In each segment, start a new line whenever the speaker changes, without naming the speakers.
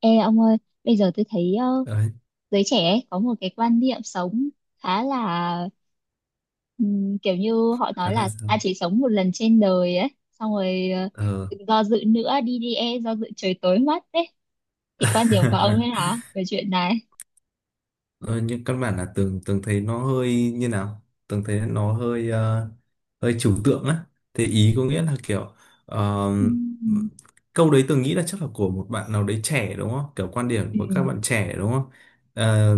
Ê ông ơi, bây giờ tôi thấy
Đấy,
giới trẻ ấy có một cái quan niệm sống khá là kiểu như họ nói
khá là
là
sao?
ta chỉ sống một lần trên đời ấy, xong rồi
ờ
đừng do dự nữa, đi đi, e do dự trời tối mất đấy. Thì quan điểm của ông thế nào về chuyện này?
Ờ, nhưng căn bản là tường tường thấy nó hơi như nào, Tường thấy nó hơi hơi trừu tượng á. Thế ý có nghĩa là kiểu ờ,
Ừm.
câu đấy Tường nghĩ là chắc là của một bạn nào đấy trẻ đúng không, kiểu quan điểm
Ừ.
của các bạn trẻ đúng không? Ờ,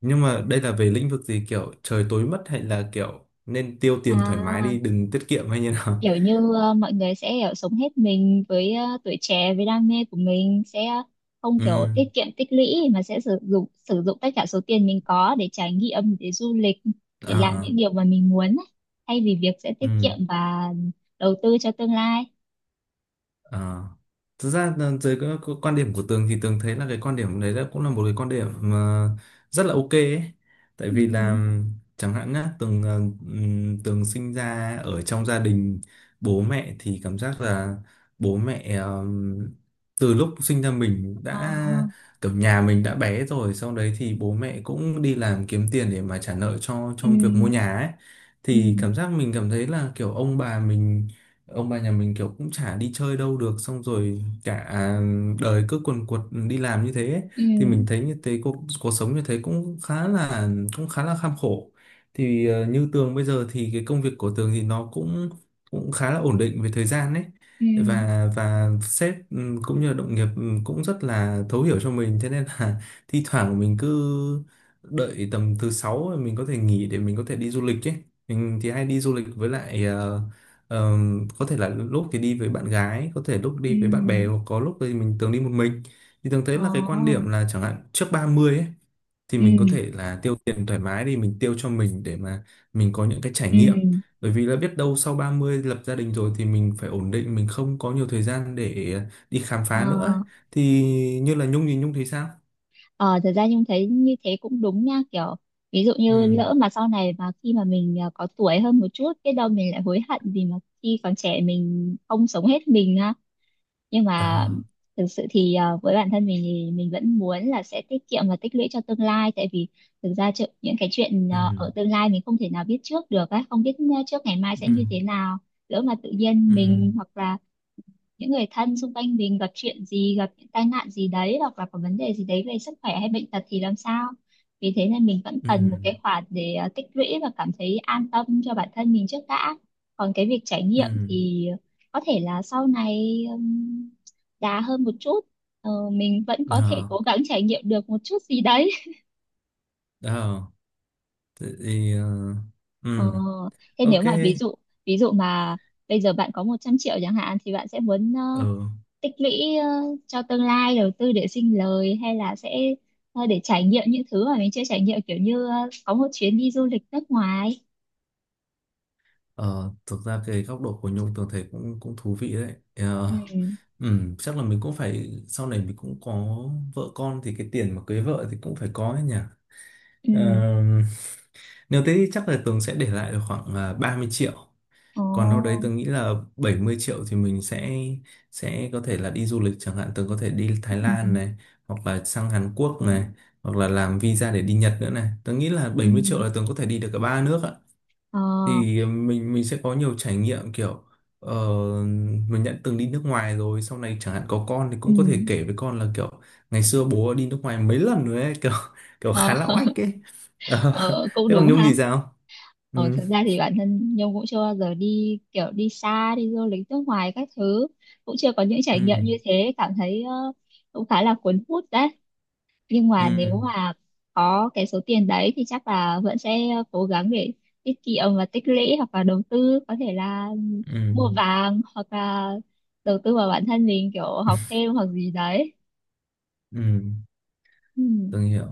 nhưng mà đây là về lĩnh vực gì, kiểu trời tối mất hay là kiểu nên tiêu tiền thoải mái
À,
đi đừng tiết kiệm hay như nào?
kiểu như mọi người sẽ kiểu sống hết mình với tuổi trẻ với đam mê của mình, sẽ không
Ừ.
kiểu tiết kiệm tích lũy mà sẽ sử dụng tất cả số tiền mình có để trải nghiệm, để du lịch, để
Ờ.
làm
Ờ.
những điều mà mình muốn ấy, thay vì việc sẽ tiết
Ừ.
kiệm và đầu tư cho tương lai.
Ờ. Thực ra là dưới cái quan điểm của Tường thì Tường thấy là cái quan điểm đấy là cũng là một cái quan điểm mà rất là ok ấy. Tại
Ừ.
vì là chẳng hạn nhá, Tường sinh ra ở trong gia đình, bố mẹ thì cảm giác là bố mẹ từ lúc sinh ra mình
Ờ,
đã kiểu nhà mình đã bé rồi, sau đấy thì bố mẹ cũng đi làm kiếm tiền để mà trả nợ cho
ừ,
trong việc mua nhà ấy.
ừ,
Thì cảm giác mình cảm thấy là kiểu ông bà mình, ông bà nhà mình kiểu cũng chả đi chơi đâu được, xong rồi cả đời cứ quần quật đi làm như thế ấy.
ừ,
Thì mình thấy như thế cuộc sống như thế cũng khá là kham khổ. Thì như Tường bây giờ thì cái công việc của Tường thì nó cũng cũng khá là ổn định về thời gian ấy,
ừ,
và sếp, ừ, cũng như là đồng nghiệp, ừ, cũng rất là thấu hiểu cho mình, thế nên là thi thoảng mình cứ đợi tầm thứ sáu mình có thể nghỉ để mình có thể đi du lịch ấy. Mình thì hay đi du lịch với lại Ờ, có thể là lúc thì đi với bạn gái, có thể lúc
ừ,
đi với bạn bè hoặc có lúc thì mình thường đi một mình. Thì thường thấy
ờ,
là cái quan điểm là chẳng hạn trước 30 ấy, thì
ừ,
mình có thể là tiêu tiền thoải mái đi, mình tiêu cho mình để mà mình có những cái trải
ừ,
nghiệm, bởi vì là biết đâu sau 30 lập gia đình rồi thì mình phải ổn định, mình không có nhiều thời gian để đi khám
ờ.
phá nữa ấy. Thì như là Nhung thì Nhung thấy sao?
Ờ, thật ra Nhung thấy như thế cũng đúng nha, kiểu ví dụ như
Ừ.
lỡ mà sau này, mà khi mà mình có tuổi hơn một chút, biết đâu mình lại hối hận vì mà khi còn trẻ mình không sống hết mình ha, nhưng
Ờ.
mà thực sự thì với bản thân mình thì mình vẫn muốn là sẽ tiết kiệm và tích lũy cho tương lai, tại vì thực ra những cái chuyện
Ừ.
ở tương lai mình không thể nào biết trước được á, không biết trước ngày mai sẽ
Ừ.
như thế nào, lỡ mà tự nhiên
Ừ.
mình hoặc là những người thân xung quanh mình gặp chuyện gì, gặp những tai nạn gì đấy hoặc là có vấn đề gì đấy về sức khỏe hay bệnh tật thì làm sao, vì thế nên mình vẫn
Ừ.
cần một cái khoản để tích lũy và cảm thấy an tâm cho bản thân mình trước đã. Còn cái việc trải
Ừ.
nghiệm thì có thể là sau này đà hơn một chút. Ờ, mình vẫn có thể
Ờ.
cố gắng trải nghiệm được một chút gì đấy.
Ờ. Thế thì
Ờ,
ừ,
thế nếu
ok,
mà ví dụ, ví dụ mà bây giờ bạn có 100 triệu chẳng hạn thì bạn sẽ muốn
ừ,
tích lũy cho tương lai, đầu tư để sinh lời, hay là sẽ để trải nghiệm những thứ mà mình chưa trải nghiệm, kiểu như có một chuyến đi du lịch nước ngoài.
ờ, thực ra cái góc độ của Nhung tưởng thấy cũng cũng thú vị đấy. Ờ,
Ừ.
chắc là mình cũng phải sau này mình cũng có vợ con thì cái tiền mà cưới vợ thì cũng phải có ấy nhỉ. Ờ,
Ừ.
nếu thế thì chắc là Tường sẽ để lại được khoảng 30 triệu,
Ồ.
còn đâu đấy tôi nghĩ là 70 triệu thì mình sẽ có thể là đi du lịch, chẳng hạn tôi có thể đi Thái
Ừ.
Lan này, hoặc là sang Hàn Quốc này, hoặc là làm visa để đi Nhật nữa này. Tôi nghĩ là bảy
Ừ.
mươi triệu là tôi có thể đi được cả ba nước ạ.
Ờ.
Thì mình sẽ có nhiều trải nghiệm, kiểu ờ, mình đã từng đi nước ngoài rồi, sau này chẳng hạn có con thì
Ừ.
cũng có thể kể với con là kiểu ngày xưa bố đi nước ngoài mấy lần rồi ấy kiểu kiểu
Ờ.
khá là oách ấy. Ờ,
Ờ, cũng
thế còn
đúng
Nhung
ha.
thì sao?
Ờ,
Ừ.
thực ra thì bản thân Nhung cũng chưa bao giờ đi kiểu đi xa, đi du lịch nước ngoài các thứ, cũng chưa có những trải
Ừ.
nghiệm như thế, cảm thấy cũng khá là cuốn hút đấy. Nhưng
Ừ.
mà nếu mà có cái số tiền đấy thì chắc là vẫn sẽ cố gắng để tiết kiệm và tích lũy hoặc là đầu tư, có thể là
Ừ.
mua vàng hoặc là đầu tư vào bản thân mình, kiểu
Ừ.
học thêm hoặc gì đấy.
Ừ,
Ừ.
Tường hiểu.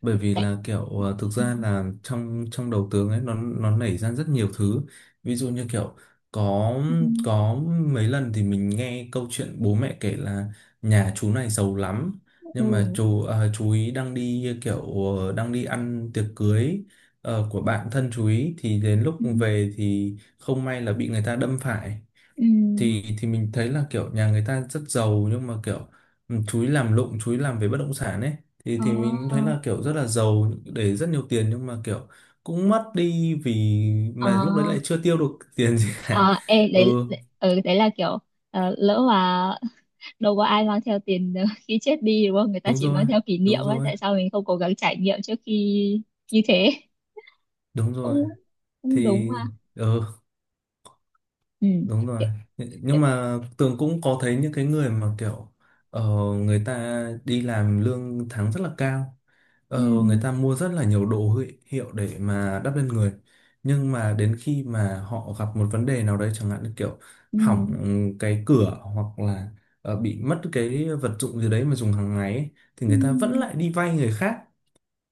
Bởi vì
Tại...
là kiểu thực
Ừ.
ra là trong trong đầu Tường ấy nó nảy ra rất nhiều thứ. Ví dụ như kiểu có
Ừ.
có mấy lần thì mình nghe câu chuyện bố mẹ kể là nhà chú này giàu lắm, nhưng mà
Ừ.
chú ý đang đi kiểu đang đi ăn tiệc cưới của bạn thân chú ý, thì đến lúc
Ừ.
về thì không may là bị người ta đâm phải.
Ừ.
Thì mình thấy là kiểu nhà người ta rất giàu nhưng mà kiểu, ừ, chú ý làm lụng, chú ý làm về bất động sản ấy. Thì mình cũng thấy
Ờ.
là kiểu rất là giàu, để rất nhiều tiền nhưng mà kiểu cũng mất đi, vì
Ờ.
mà lúc đấy lại chưa tiêu được tiền gì cả.
Ờ. Ê, đấy,
Ừ.
đấy, ừ, đấy là kiểu lỡ mà đâu có ai mang theo tiền khi chết đi đúng không? Người ta
Đúng
chỉ
rồi.
mang theo kỷ niệm
Đúng
ấy.
rồi.
Tại sao mình không cố gắng trải nghiệm trước khi như thế?
Đúng rồi.
Cũng cũng đúng
Thì,
ha.
ừ.
Ừ.
Đúng rồi.
Kiểu-
Nh-
kiểu-
Nhưng mà Tường cũng có thấy những cái người mà kiểu, ờ, người ta đi làm lương tháng rất là cao.
ừ,
Ờ, người ta mua rất là nhiều đồ hiệu để mà đắp lên người. Nhưng mà đến khi mà họ gặp một vấn đề nào đấy chẳng hạn như kiểu
ừ,
hỏng cái cửa hoặc là bị mất cái vật dụng gì đấy mà dùng hàng ngày ấy, thì
ừ,
người ta vẫn lại đi vay người khác.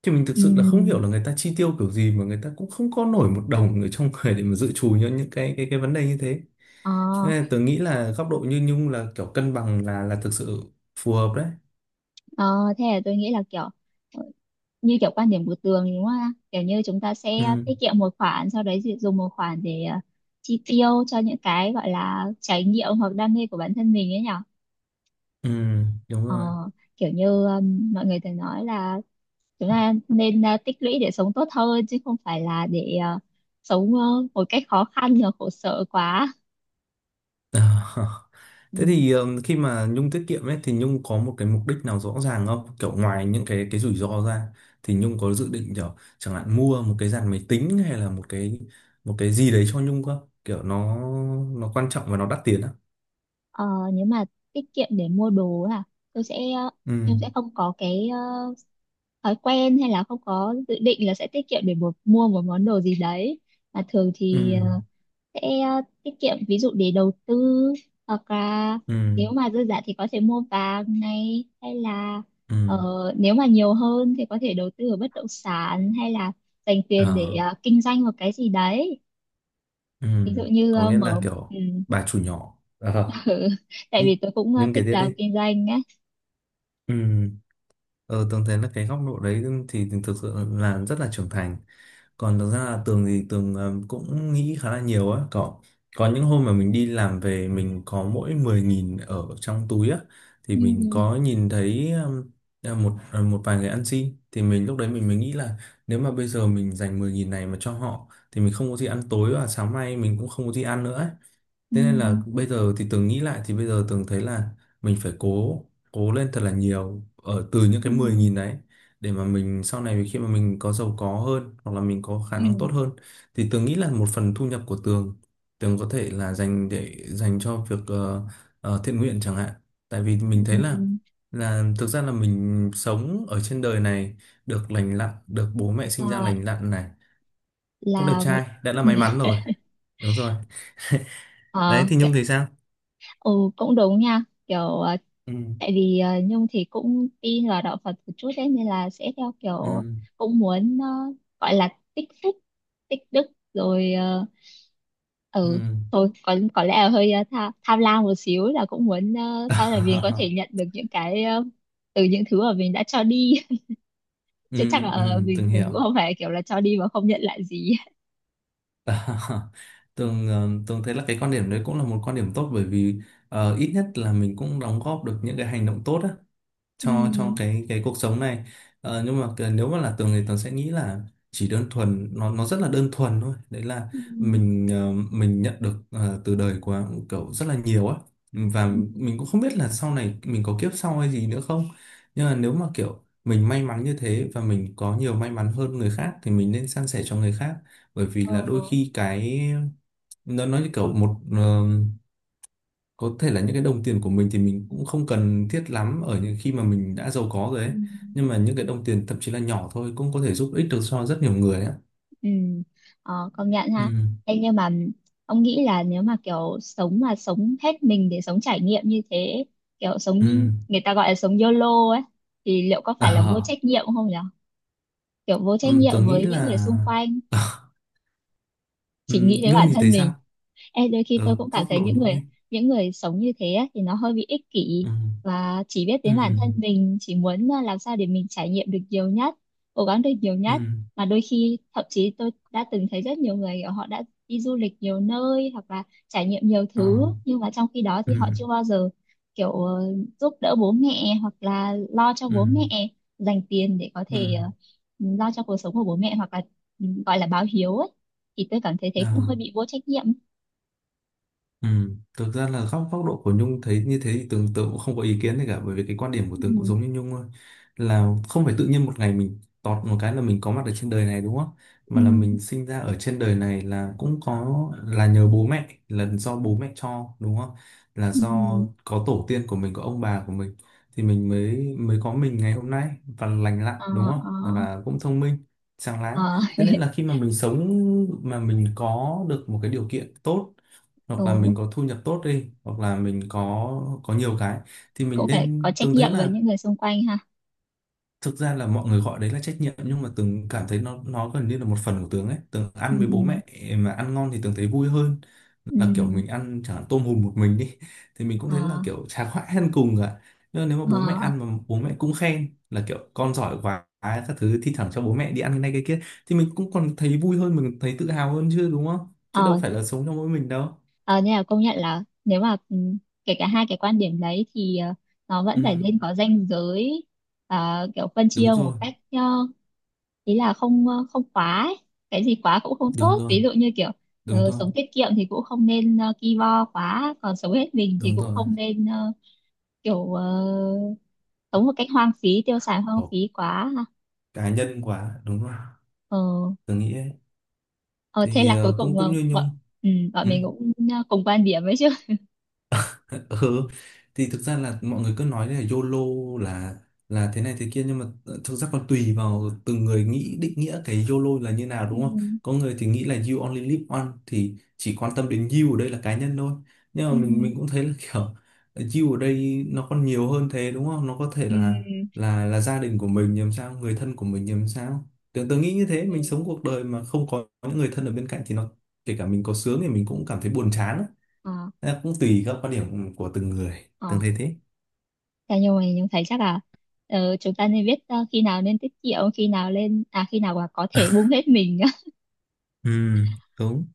Thì mình thực sự là không hiểu
ừ,
là người ta chi tiêu kiểu gì mà người ta cũng không có nổi một đồng ở trong người để mà dự trù cho những cái vấn đề như thế.
ờ,
Thế nên tớ nghĩ là góc độ như Nhung là kiểu cân bằng là thực sự phù hợp đấy.
ờ, thế là tôi nghĩ là kiểu ờ, như kiểu quan điểm của Tường đúng không ạ? Kiểu như chúng ta sẽ
Ừ,
tiết kiệm một khoản, sau đấy thì dùng một khoản để chi tiêu cho những cái gọi là trải nghiệm hoặc đam mê của bản thân mình ấy nhở.
ừ, đúng
Ờ,
rồi.
kiểu như mọi người thường nói là chúng ta nên tích lũy để sống tốt hơn chứ không phải là để sống một cách khó khăn và khổ sở quá. Ừ.
Thế thì khi mà Nhung tiết kiệm ấy thì Nhung có một cái mục đích nào rõ ràng không? Kiểu ngoài những cái rủi ro ra thì Nhung có dự định kiểu chẳng hạn mua một cái dàn máy tính hay là một cái gì đấy cho Nhung không? Kiểu nó quan trọng và nó đắt tiền á.
Ờ, nếu mà tiết kiệm để mua đồ à, tôi sẽ
Ừ,
em sẽ không có cái thói quen hay là không có dự định là sẽ tiết kiệm để một, mua một món đồ gì đấy, mà thường
ừ,
thì sẽ tiết kiệm ví dụ để đầu tư, hoặc là
ừ,
nếu mà dư giả thì có thể mua vàng này, hay là ờ,
ừ.
nếu mà nhiều hơn thì có thể đầu tư ở bất động sản, hay là dành tiền
Ờ,
để kinh doanh một cái gì đấy,
ừ.
ví dụ như
Có nghĩa là
mở ừ.
kiểu bà chủ nhỏ. Ờ.
Tại
Nhị-
vì tôi cũng
nhưng kể
thích
tiếp
làm
đi.
kinh doanh.
Ừ. ờ, Tường thấy là cái góc độ đấy thì thực sự là rất là trưởng thành. Còn thực ra là Tường thì Tường cũng nghĩ khá là nhiều á, có những hôm mà mình đi làm về mình có mỗi 10.000 ở trong túi á, thì
Ừ.
mình có nhìn thấy một vài người ăn xin, thì mình lúc đấy mình mới nghĩ là nếu mà bây giờ mình dành 10.000 này mà cho họ thì mình không có gì ăn tối và sáng mai mình cũng không có gì ăn nữa ấy.
Ừ.
Thế nên là bây giờ thì Tường nghĩ lại, thì bây giờ Tường thấy là mình phải cố cố lên thật là nhiều ở từ những
Ừ.
cái 10.000 đấy, để mà mình sau này khi mà mình có giàu có hơn hoặc là mình có khả
Ừ.
năng tốt hơn, thì Tường nghĩ là một phần thu nhập của Tường, Tường có thể là dành để dành cho việc thiện nguyện chẳng hạn, tại vì mình thấy là
Ừ.
là thực ra là mình sống ở trên đời này, được lành lặn, được bố mẹ sinh ra
Ờ,
lành lặn này, cũng đẹp
là một.
trai, đã là may mắn rồi. Đúng rồi.
Ờ
Đấy thì Nhung
cái-
thì sao?
ừ, cũng đúng nha, kiểu
Ừ.
tại vì Nhung thì cũng tin vào đạo Phật một chút đấy nên là sẽ theo kiểu,
Ừ.
cũng muốn gọi là tích phúc, tích đức rồi, ờ,
Ừ.
ừ, thôi có lẽ là hơi tham lam một xíu, là cũng muốn sau này mình có thể nhận được những cái từ những thứ mà mình đã cho đi,
Ừ,
chứ chắc là
ừ,
mình
từng
mình
hiểu.
cũng không phải kiểu là cho đi mà không nhận lại gì.
Và từng từng thấy là cái quan điểm đấy cũng là một quan điểm tốt, bởi vì ít nhất là mình cũng đóng góp được những cái hành động tốt á
Ừ.
cho cái cuộc sống này. Nhưng mà nếu mà là Tường thì Tường sẽ nghĩ là chỉ đơn thuần, nó rất là đơn thuần thôi, đấy là
Ừ.
mình mình nhận được từ đời của cậu rất là nhiều á, và
Ừ.
mình cũng không biết là sau này mình có kiếp sau hay gì nữa không, nhưng mà nếu mà kiểu mình may mắn như thế và mình có nhiều may mắn hơn người khác thì mình nên san sẻ cho người khác, bởi vì
Ờ.
là đôi khi cái nó nói như kiểu một, có thể là những cái đồng tiền của mình thì mình cũng không cần thiết lắm ở những khi mà mình đã giàu có rồi
Ừ.
ấy, nhưng mà những cái đồng tiền thậm chí là nhỏ thôi cũng có thể giúp ích được cho rất nhiều người ạ.
Ừ. Ờ, công nhận ha.
Ừ.
Ê, nhưng mà ông nghĩ là nếu mà kiểu sống mà sống hết mình để sống trải nghiệm như thế, kiểu sống
Ừ.
như- người ta gọi là sống YOLO ấy, thì liệu có phải là vô
à,
trách nhiệm không nhỉ, kiểu vô trách
Tớ
nhiệm
nghĩ
với những người
là
xung quanh, chỉ nghĩ đến
Nhung
bản
thì
thân
thấy
mình.
sao?
Ê, đôi khi tôi cũng cảm
Góc
thấy
độ
những
Nhung
người,
ấy.
những người sống như thế á, thì nó hơi bị ích kỷ
Ừ.
và chỉ biết
Ừ.
đến bản thân mình, chỉ muốn à, làm sao để mình trải nghiệm được nhiều nhất, cố gắng được nhiều
Ừ.
nhất, mà đôi khi thậm chí tôi đã từng thấy rất nhiều người kiểu họ đã đi du lịch nhiều nơi hoặc là trải nghiệm nhiều
À.
thứ, nhưng mà trong khi đó thì
Ừ.
họ chưa bao giờ kiểu giúp đỡ bố mẹ hoặc là lo cho
Ừ.
bố mẹ, dành tiền để có
Ừ.
thể lo cho cuộc sống của bố mẹ hoặc là ừ, gọi là báo hiếu ấy, thì tôi cảm thấy thế cũng hơi
À.
bị vô trách nhiệm.
Ừ, thực ra là góc góc độ của Nhung thấy như thế thì Tường Tường cũng không có ý kiến gì cả, bởi vì cái quan điểm của Tường cũng
Ừ.
giống như Nhung thôi. Là không phải tự nhiên một ngày mình tọt một cái là mình có mặt ở trên đời này đúng không,
Ừ.
mà là mình sinh ra ở trên đời này là cũng có, là nhờ bố mẹ, là do bố mẹ cho đúng không, là
Ừ.
do có tổ tiên của mình, có ông bà của mình thì mình mới mới có mình ngày hôm nay và lành lặn
Ờ.
đúng không,
Ờ.
và cũng thông minh sáng láng.
Ờ.
Thế nên là khi mà mình sống mà mình có được một cái điều kiện tốt hoặc là mình
Ừ.
có thu nhập tốt đi hoặc là mình có nhiều cái, thì mình
Cũng phải có
nên,
trách
Tường thấy
nhiệm với
là
những người xung quanh ha.
thực ra là mọi người gọi đấy là trách nhiệm nhưng mà Tường cảm thấy nó gần như là một phần của Tường ấy. Tường
Ừ.
ăn với bố mẹ mà ăn ngon thì Tường thấy vui hơn, là kiểu
Ừ.
mình ăn chẳng hạn tôm hùm một mình đi thì mình cũng
Ờ.
thấy là kiểu chả khoái ăn cùng cả. Nhưng mà nếu mà bố mẹ
Ờ.
ăn mà bố mẹ cũng khen là kiểu con giỏi quá các thứ, thi thoảng cho bố mẹ đi ăn cái này cái kia, thì mình cũng còn thấy vui hơn, mình thấy tự hào hơn chứ đúng không, chứ đâu
Ờ.
phải là sống cho mỗi mình đâu.
Ờ nên là công nhận là nếu mà ừ, kể cả hai cái quan điểm đấy thì nó vẫn
Ừ.
phải nên có ranh giới, ờ, kiểu phân chia
Đúng
một
rồi.
cách ý là không không quá ấy. Cái gì quá cũng không
Đúng
tốt,
rồi.
ví dụ như kiểu
Đúng rồi.
sống tiết kiệm thì cũng không nên ki bo quá, còn sống hết mình thì
Đúng
cũng
rồi.
không nên kiểu sống một cách hoang phí, tiêu xài hoang
Học
phí quá ha.
cá nhân quá, đúng rồi,
Ờ,
tớ nghĩ ấy.
ờ, thế
Thì
là cuối cùng
cũng cũng như
bọn
Nhung.
ừ, bọn
Ừ.
mình cũng cùng quan điểm ấy chứ.
Ừ, thì thực ra là mọi người cứ nói là YOLO là là thế này thế kia, nhưng mà thực ra còn tùy vào từng người nghĩ, định nghĩa cái YOLO là như nào
Ừ,
đúng không. Có người thì nghĩ là you only live once thì chỉ quan tâm đến you ở đây là cá nhân thôi, nhưng mà
ừ,
mình cũng thấy là kiểu you ở đây nó còn nhiều hơn thế đúng không, nó có thể
ừ,
là gia đình của mình làm sao, người thân của mình làm sao, tưởng tôi nghĩ như thế,
ừ.
mình sống cuộc đời mà không có những người thân ở bên cạnh thì nó, kể cả mình có sướng thì mình cũng cảm thấy buồn chán.
Ờ,
Nó cũng tùy các quan điểm của từng người,
ờ.
Tường thấy thế.
Thế nhưng mà mình thấy chắc là chúng ta nên biết khi nào nên tiết kiệm, khi nào lên à, khi nào mà có thể bung hết mình.
Ừ, đúng.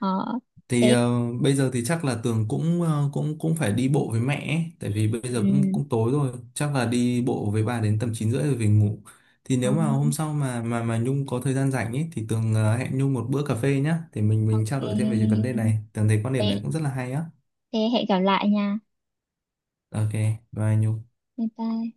Ờ,
Thì
thế
bây giờ thì chắc là Tường cũng cũng cũng phải đi bộ với mẹ ấy. Tại vì bây giờ cũng
ừ,
cũng tối rồi, chắc là đi bộ với bà đến tầm 9h30 rồi về ngủ. Thì
ờ,
nếu mà hôm sau mà Nhung có thời gian rảnh ấy thì Tường hẹn Nhung một bữa cà phê nhá, thì mình
ok,
trao đổi thêm về cái vấn đề này. Tường thấy quan điểm
thế,
này cũng rất là hay á.
thế hẹn gặp lại nha.
Ok, bye Nhung.
Bye bye.